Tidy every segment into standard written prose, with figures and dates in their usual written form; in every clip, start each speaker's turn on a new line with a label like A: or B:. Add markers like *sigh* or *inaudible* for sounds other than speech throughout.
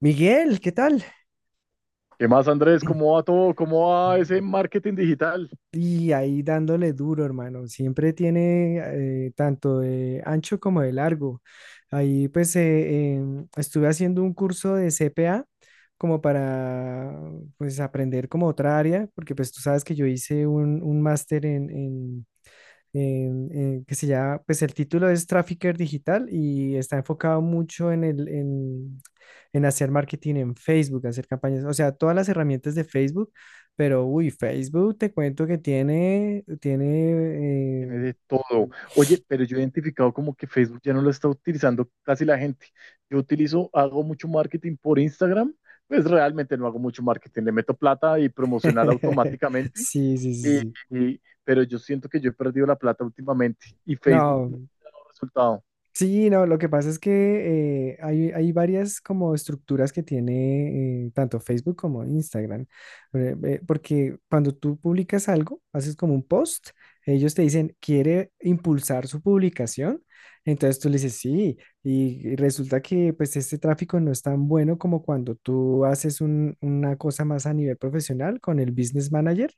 A: Miguel, ¿qué tal?
B: ¿Qué más, Andrés? ¿Cómo
A: *clears throat*
B: va todo? ¿Cómo va ese marketing digital?
A: Y ahí dándole duro, hermano. Siempre tiene tanto de ancho como de largo. Ahí pues estuve haciendo un curso de CPA como para pues aprender como otra área, porque pues tú sabes que yo hice un máster en, que se llama, pues el título es Trafficker Digital y está enfocado mucho en en hacer marketing en Facebook, hacer campañas, o sea, todas las herramientas de Facebook, pero uy, Facebook te cuento que
B: Tiene
A: tiene,
B: de todo. Oye, pero yo he identificado como que Facebook ya no lo está utilizando casi la gente. Yo utilizo, hago mucho marketing por Instagram, pues realmente no hago mucho marketing. Le meto plata y
A: eh,
B: promocionar
A: *laughs*
B: automáticamente,
A: sí, sí, sí,
B: y-
A: sí.
B: pero yo siento que yo he perdido la plata últimamente y Facebook no
A: No,
B: ha resultado.
A: sí, no, lo que pasa es que hay varias como estructuras que tiene tanto Facebook como Instagram, porque cuando tú publicas algo, haces como un post, ellos te dicen, ¿quiere impulsar su publicación? Entonces tú le dices, sí, y resulta que pues este tráfico no es tan bueno como cuando tú haces una cosa más a nivel profesional con el Business Manager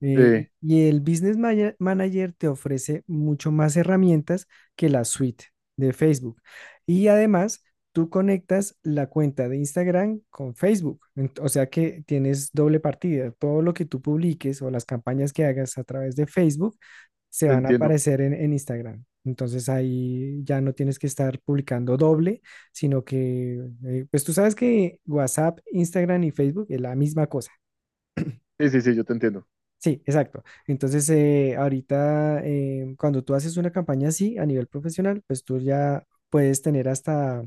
A: eh,
B: Sí,
A: y y el Manager te ofrece mucho más herramientas que la suite de Facebook. Y además, tú conectas la cuenta de Instagram con Facebook. O sea que tienes doble partida. Todo lo que tú publiques o las campañas que hagas a través de Facebook se
B: te
A: van a
B: entiendo.
A: aparecer en Instagram. Entonces ahí ya no tienes que estar publicando doble, sino que, pues tú sabes que WhatsApp, Instagram y Facebook es la misma cosa.
B: Sí, sí, sí, yo te entiendo.
A: Sí, exacto. Entonces, ahorita, cuando tú haces una campaña así a nivel profesional, pues tú ya puedes tener hasta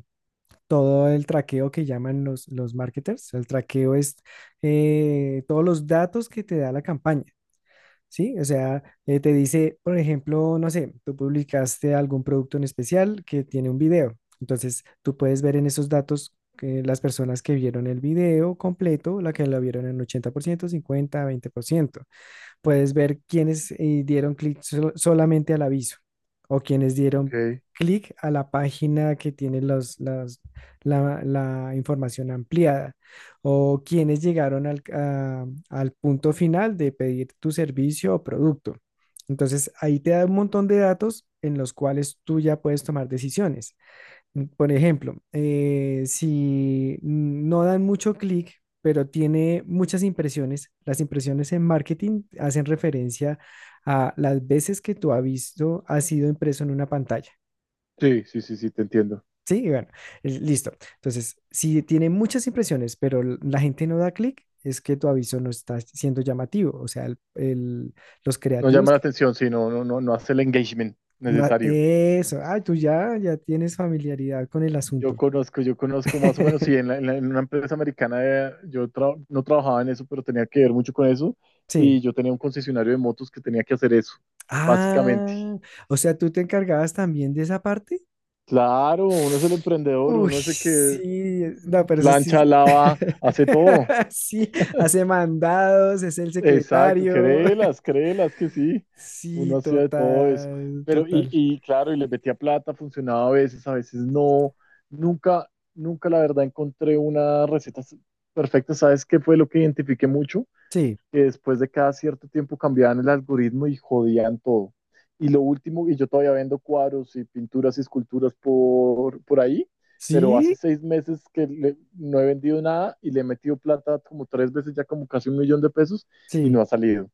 A: todo el traqueo que llaman los marketers. El traqueo es todos los datos que te da la campaña, ¿sí? O sea, te dice, por ejemplo, no sé, tú publicaste algún producto en especial que tiene un video. Entonces, tú puedes ver en esos datos que las personas que vieron el video completo, la que lo vieron en 80%, 50, 20% puedes ver quiénes dieron clic solamente al aviso o quienes dieron
B: Ok.
A: clic a la página que tiene la información ampliada o quienes llegaron al punto final de pedir tu servicio o producto. Entonces, ahí te da un montón de datos en los cuales tú ya puedes tomar decisiones. Por ejemplo, si no dan mucho clic, pero tiene muchas impresiones, las impresiones en marketing hacen referencia a las veces que tu aviso ha sido impreso en una pantalla.
B: Sí, sí, sí, sí, te entiendo.
A: Sí, y bueno, listo. Entonces, si tiene muchas impresiones, pero la gente no da clic, es que tu aviso no está siendo llamativo. O sea, los
B: No
A: creativos.
B: llama la
A: Que-
B: atención, sí, no, no, no, no hace el engagement
A: no,
B: necesario.
A: eso, ah, ya tienes familiaridad con el asunto.
B: Yo conozco más o menos, sí,
A: *laughs*
B: en, en una empresa americana yo no trabajaba en eso, pero tenía que ver mucho con eso y
A: Sí.
B: yo tenía un concesionario de motos que tenía que hacer eso, básicamente.
A: Ah, o sea, tú te encargabas también de esa parte.
B: Claro, uno es el emprendedor,
A: Uy,
B: uno es el que
A: sí, no, pero eso sí,
B: plancha,
A: sí,
B: lava, hace todo.
A: *laughs* sí, hace mandados, es el
B: Exacto,
A: secretario.
B: créelas,
A: *laughs*
B: créelas que sí,
A: Sí,
B: uno hacía de todo eso.
A: total,
B: Pero, y,
A: total.
B: y claro, y les metía plata, funcionaba a veces no. Nunca, nunca la verdad encontré una receta perfecta. ¿Sabes qué fue lo que identifiqué mucho?
A: Sí,
B: Que después de cada cierto tiempo cambiaban el algoritmo y jodían todo. Y lo último, y yo todavía vendo cuadros y pinturas y esculturas por ahí, pero hace
A: sí,
B: 6 meses no he vendido nada y le he metido plata como 3 veces, ya como casi $1.000.000, y
A: sí.
B: no ha salido.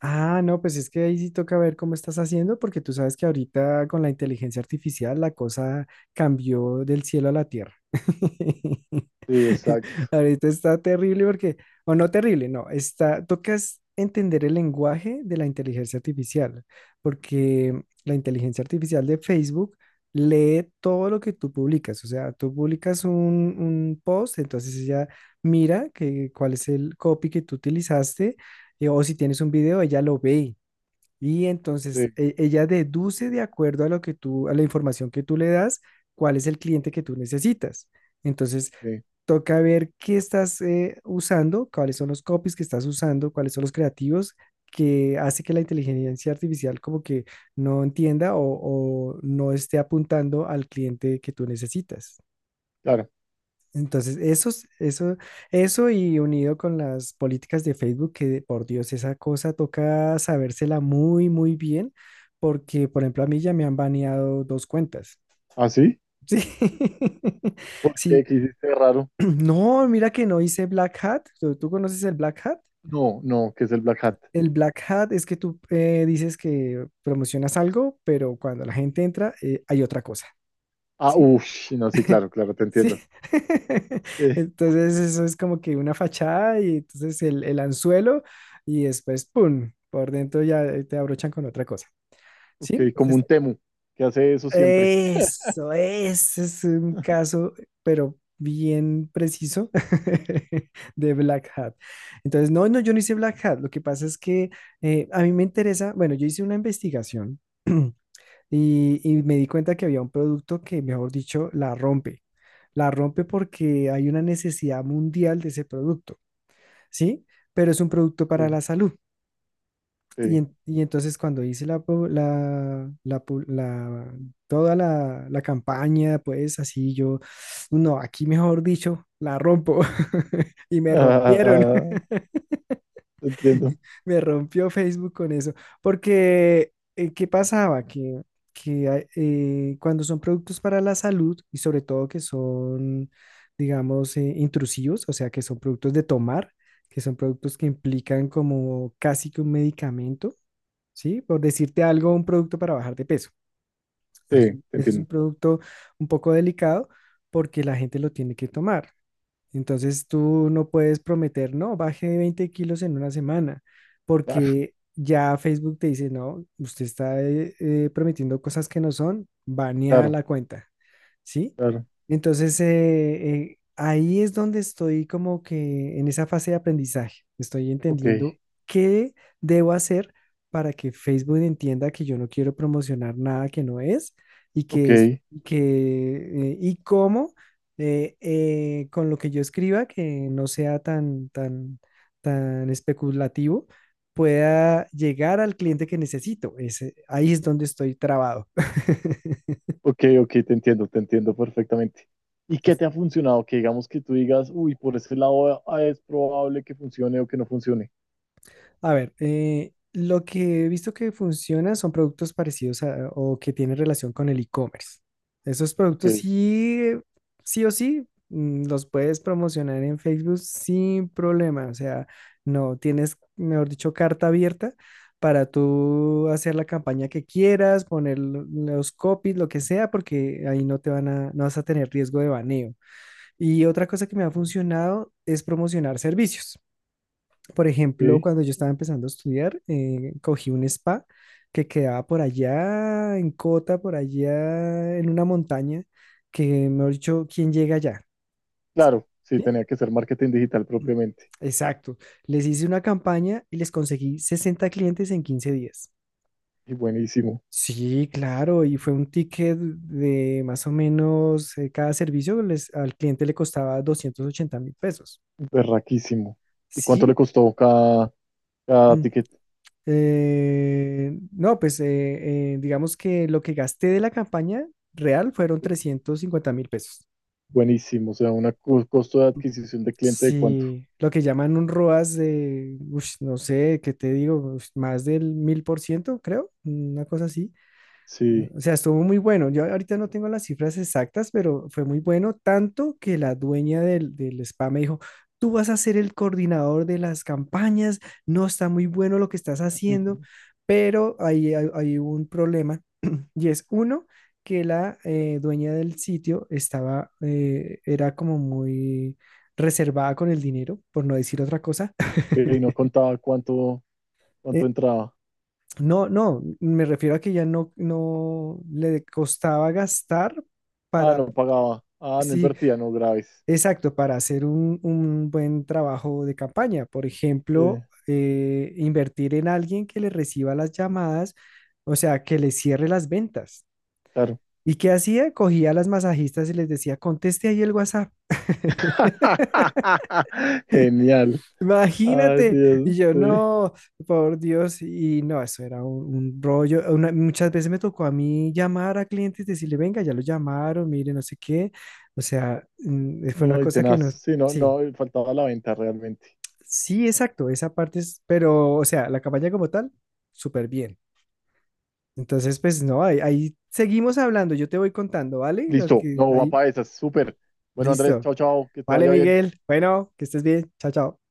A: Ah, no, pues es que ahí sí toca ver cómo estás haciendo, porque tú sabes que ahorita con la inteligencia artificial la cosa cambió del cielo a la tierra. *laughs*
B: Sí, exacto,
A: Ahorita está terrible porque, o no terrible, no, está, tocas entender el lenguaje de la inteligencia artificial, porque la inteligencia artificial de Facebook lee todo lo que tú publicas, o sea, tú publicas un post, entonces ella mira que, cuál es el copy que tú utilizaste o si tienes un video, ella lo ve y entonces
B: sí,
A: ella deduce de acuerdo a lo que tú, a la información que tú le das, cuál es el cliente que tú necesitas. Entonces,
B: sí,
A: toca ver qué estás usando, cuáles son los copies que estás usando, cuáles son los creativos que hace que la inteligencia artificial como que no entienda o no esté apuntando al cliente que tú necesitas.
B: claro.
A: Entonces, eso, eso y unido con las políticas de Facebook, que por Dios, esa cosa toca sabérsela muy, muy bien, porque, por ejemplo, a mí ya me han baneado dos cuentas.
B: ¿Ah, sí?
A: Sí, *laughs*
B: ¿Por qué?
A: sí.
B: ¿Qué
A: *clears throat*
B: hiciste raro?
A: No, mira que no hice Black Hat. Tú conoces el Black Hat?
B: No, no, que es el Black Hat?
A: El Black Hat es que tú dices que promocionas algo, pero cuando la gente entra, hay otra cosa,
B: Ah,
A: ¿sí?
B: uff, sí, no, sí, claro, claro, te
A: Sí.
B: entiendo.
A: *laughs*
B: Sí,
A: Entonces eso es como que una fachada y entonces el anzuelo y después, ¡pum! Por dentro ya te abrochan con otra cosa. ¿Sí?
B: ok,
A: Este
B: como un Temu, que hace eso siempre.
A: eso, ese es un caso, pero bien preciso *laughs* de Black Hat. Entonces, no, no, yo no hice Black Hat. Lo que pasa es que a mí me interesa, bueno, yo hice una investigación y me di cuenta que había un producto que, mejor dicho, la rompe. La rompe porque hay una necesidad mundial de ese producto, ¿sí? Pero es un producto para
B: Sí,
A: la salud. Y,
B: sí.
A: y entonces cuando hice toda la campaña, pues así yo, no, aquí mejor dicho, la rompo. *laughs* Y me rompieron.
B: *laughs* Entiendo.
A: Me rompió Facebook con eso, porque ¿qué pasaba? Que cuando son productos para la salud y sobre todo que son, digamos, intrusivos, o sea, que son productos de tomar, que son productos que implican como casi que un medicamento, ¿sí? Por decirte algo, un producto para bajar de peso.
B: Sí, te
A: Ese es un
B: entiendo.
A: producto un poco delicado porque la gente lo tiene que tomar. Entonces tú no puedes prometer, no, baje 20 kilos en una semana,
B: Claro,
A: porque ya Facebook te dice, no, usted está prometiendo cosas que no son, banea
B: claro,
A: la cuenta, ¿sí?
B: claro.
A: Entonces ahí es donde estoy como que en esa fase de aprendizaje, estoy
B: Ok,
A: entendiendo qué debo hacer para que Facebook entienda que yo no quiero promocionar nada que no es y
B: ok,
A: que es que y cómo con lo que yo escriba, que no sea tan especulativo, pueda llegar al cliente que necesito. Ese, ahí es donde estoy trabado.
B: ok, te entiendo perfectamente. ¿Y qué te ha
A: *laughs*
B: funcionado? Que digamos que tú digas, uy, por ese lado es probable que funcione o que no funcione.
A: A ver, lo que he visto que funciona son productos parecidos o que tienen relación con el e-commerce. Esos
B: Ok,
A: productos sí, sí o sí, mm, los puedes promocionar en Facebook sin problema. O sea, no tienes, mejor dicho, carta abierta para tú hacer la campaña que quieras, poner los copies, lo que sea, porque ahí no vas a tener riesgo de baneo. Y otra cosa que me ha funcionado es promocionar servicios. Por ejemplo,
B: ok.
A: cuando yo estaba empezando a estudiar, cogí un spa que quedaba por allá, en Cota, por allá, en una montaña, que, mejor dicho, ¿quién llega allá? ¿Cierto?
B: Claro, sí,
A: ¿Sí?
B: tenía que ser marketing digital
A: Mm.
B: propiamente.
A: Exacto. Les hice una campaña y les conseguí 60 clientes en 15 días.
B: Y buenísimo,
A: Sí, claro, y fue un ticket de más o menos cada servicio les- al cliente le costaba 280.000 pesos.
B: berraquísimo. ¿Y cuánto le
A: Sí,
B: costó cada
A: *clears throat*
B: ticket?
A: No, pues digamos que lo que gasté de la campaña real fueron 350.000 pesos.
B: Buenísimo, o sea, un costo de adquisición de cliente de cuánto.
A: Sí, lo que llaman un ROAS de, ush, no sé, ¿qué te digo? Ush, más del 1.000%, creo, una cosa así.
B: Sí.
A: O sea, estuvo muy bueno. Yo ahorita no tengo las cifras exactas, pero fue muy bueno, tanto que la dueña del spa me dijo, tú vas a ser el coordinador de las campañas, no está muy bueno lo que estás
B: *laughs* Y
A: haciendo, pero ahí hay un problema *clears throat* y es uno, que la dueña del sitio estaba, era como muy reservada con el dinero, por no decir otra cosa.
B: no
A: *laughs*
B: contaba cuánto. ¿Cuánto
A: E-
B: entraba?
A: no, no, me refiero a que ya no, no le costaba gastar
B: Ah,
A: para,
B: no pagaba. Ah, no
A: sí,
B: invertía, no, graves.
A: exacto, para hacer un buen trabajo de campaña. Por
B: Sí,
A: ejemplo, invertir en alguien que le reciba las llamadas, o sea, que le cierre las ventas.
B: claro.
A: ¿Y qué hacía? Cogía a las masajistas y les decía, conteste ahí el WhatsApp. *laughs*
B: *laughs* Genial. Ay,
A: Imagínate, y
B: Dios,
A: yo
B: sí.
A: no, por Dios, y no, eso era un rollo. Una- muchas veces me tocó a mí llamar a clientes, decirle, venga, ya lo llamaron, mire, no sé qué. O sea, mm, fue una
B: No, y
A: cosa que
B: tenaz.
A: no,
B: Sí, no,
A: sí,
B: no, faltaba la venta realmente.
A: sí, exacto, esa parte es, pero, o sea, la campaña como tal, súper bien. Entonces, pues no, ahí, ahí seguimos hablando, yo te voy contando, ¿vale?
B: Listo.
A: Porque
B: No, va
A: ahí,
B: para esas. Súper. Bueno, Andrés,
A: listo.
B: chao, chao. Que te
A: Vale,
B: vaya bien.
A: Miguel, bueno, que estés bien, chao, chao.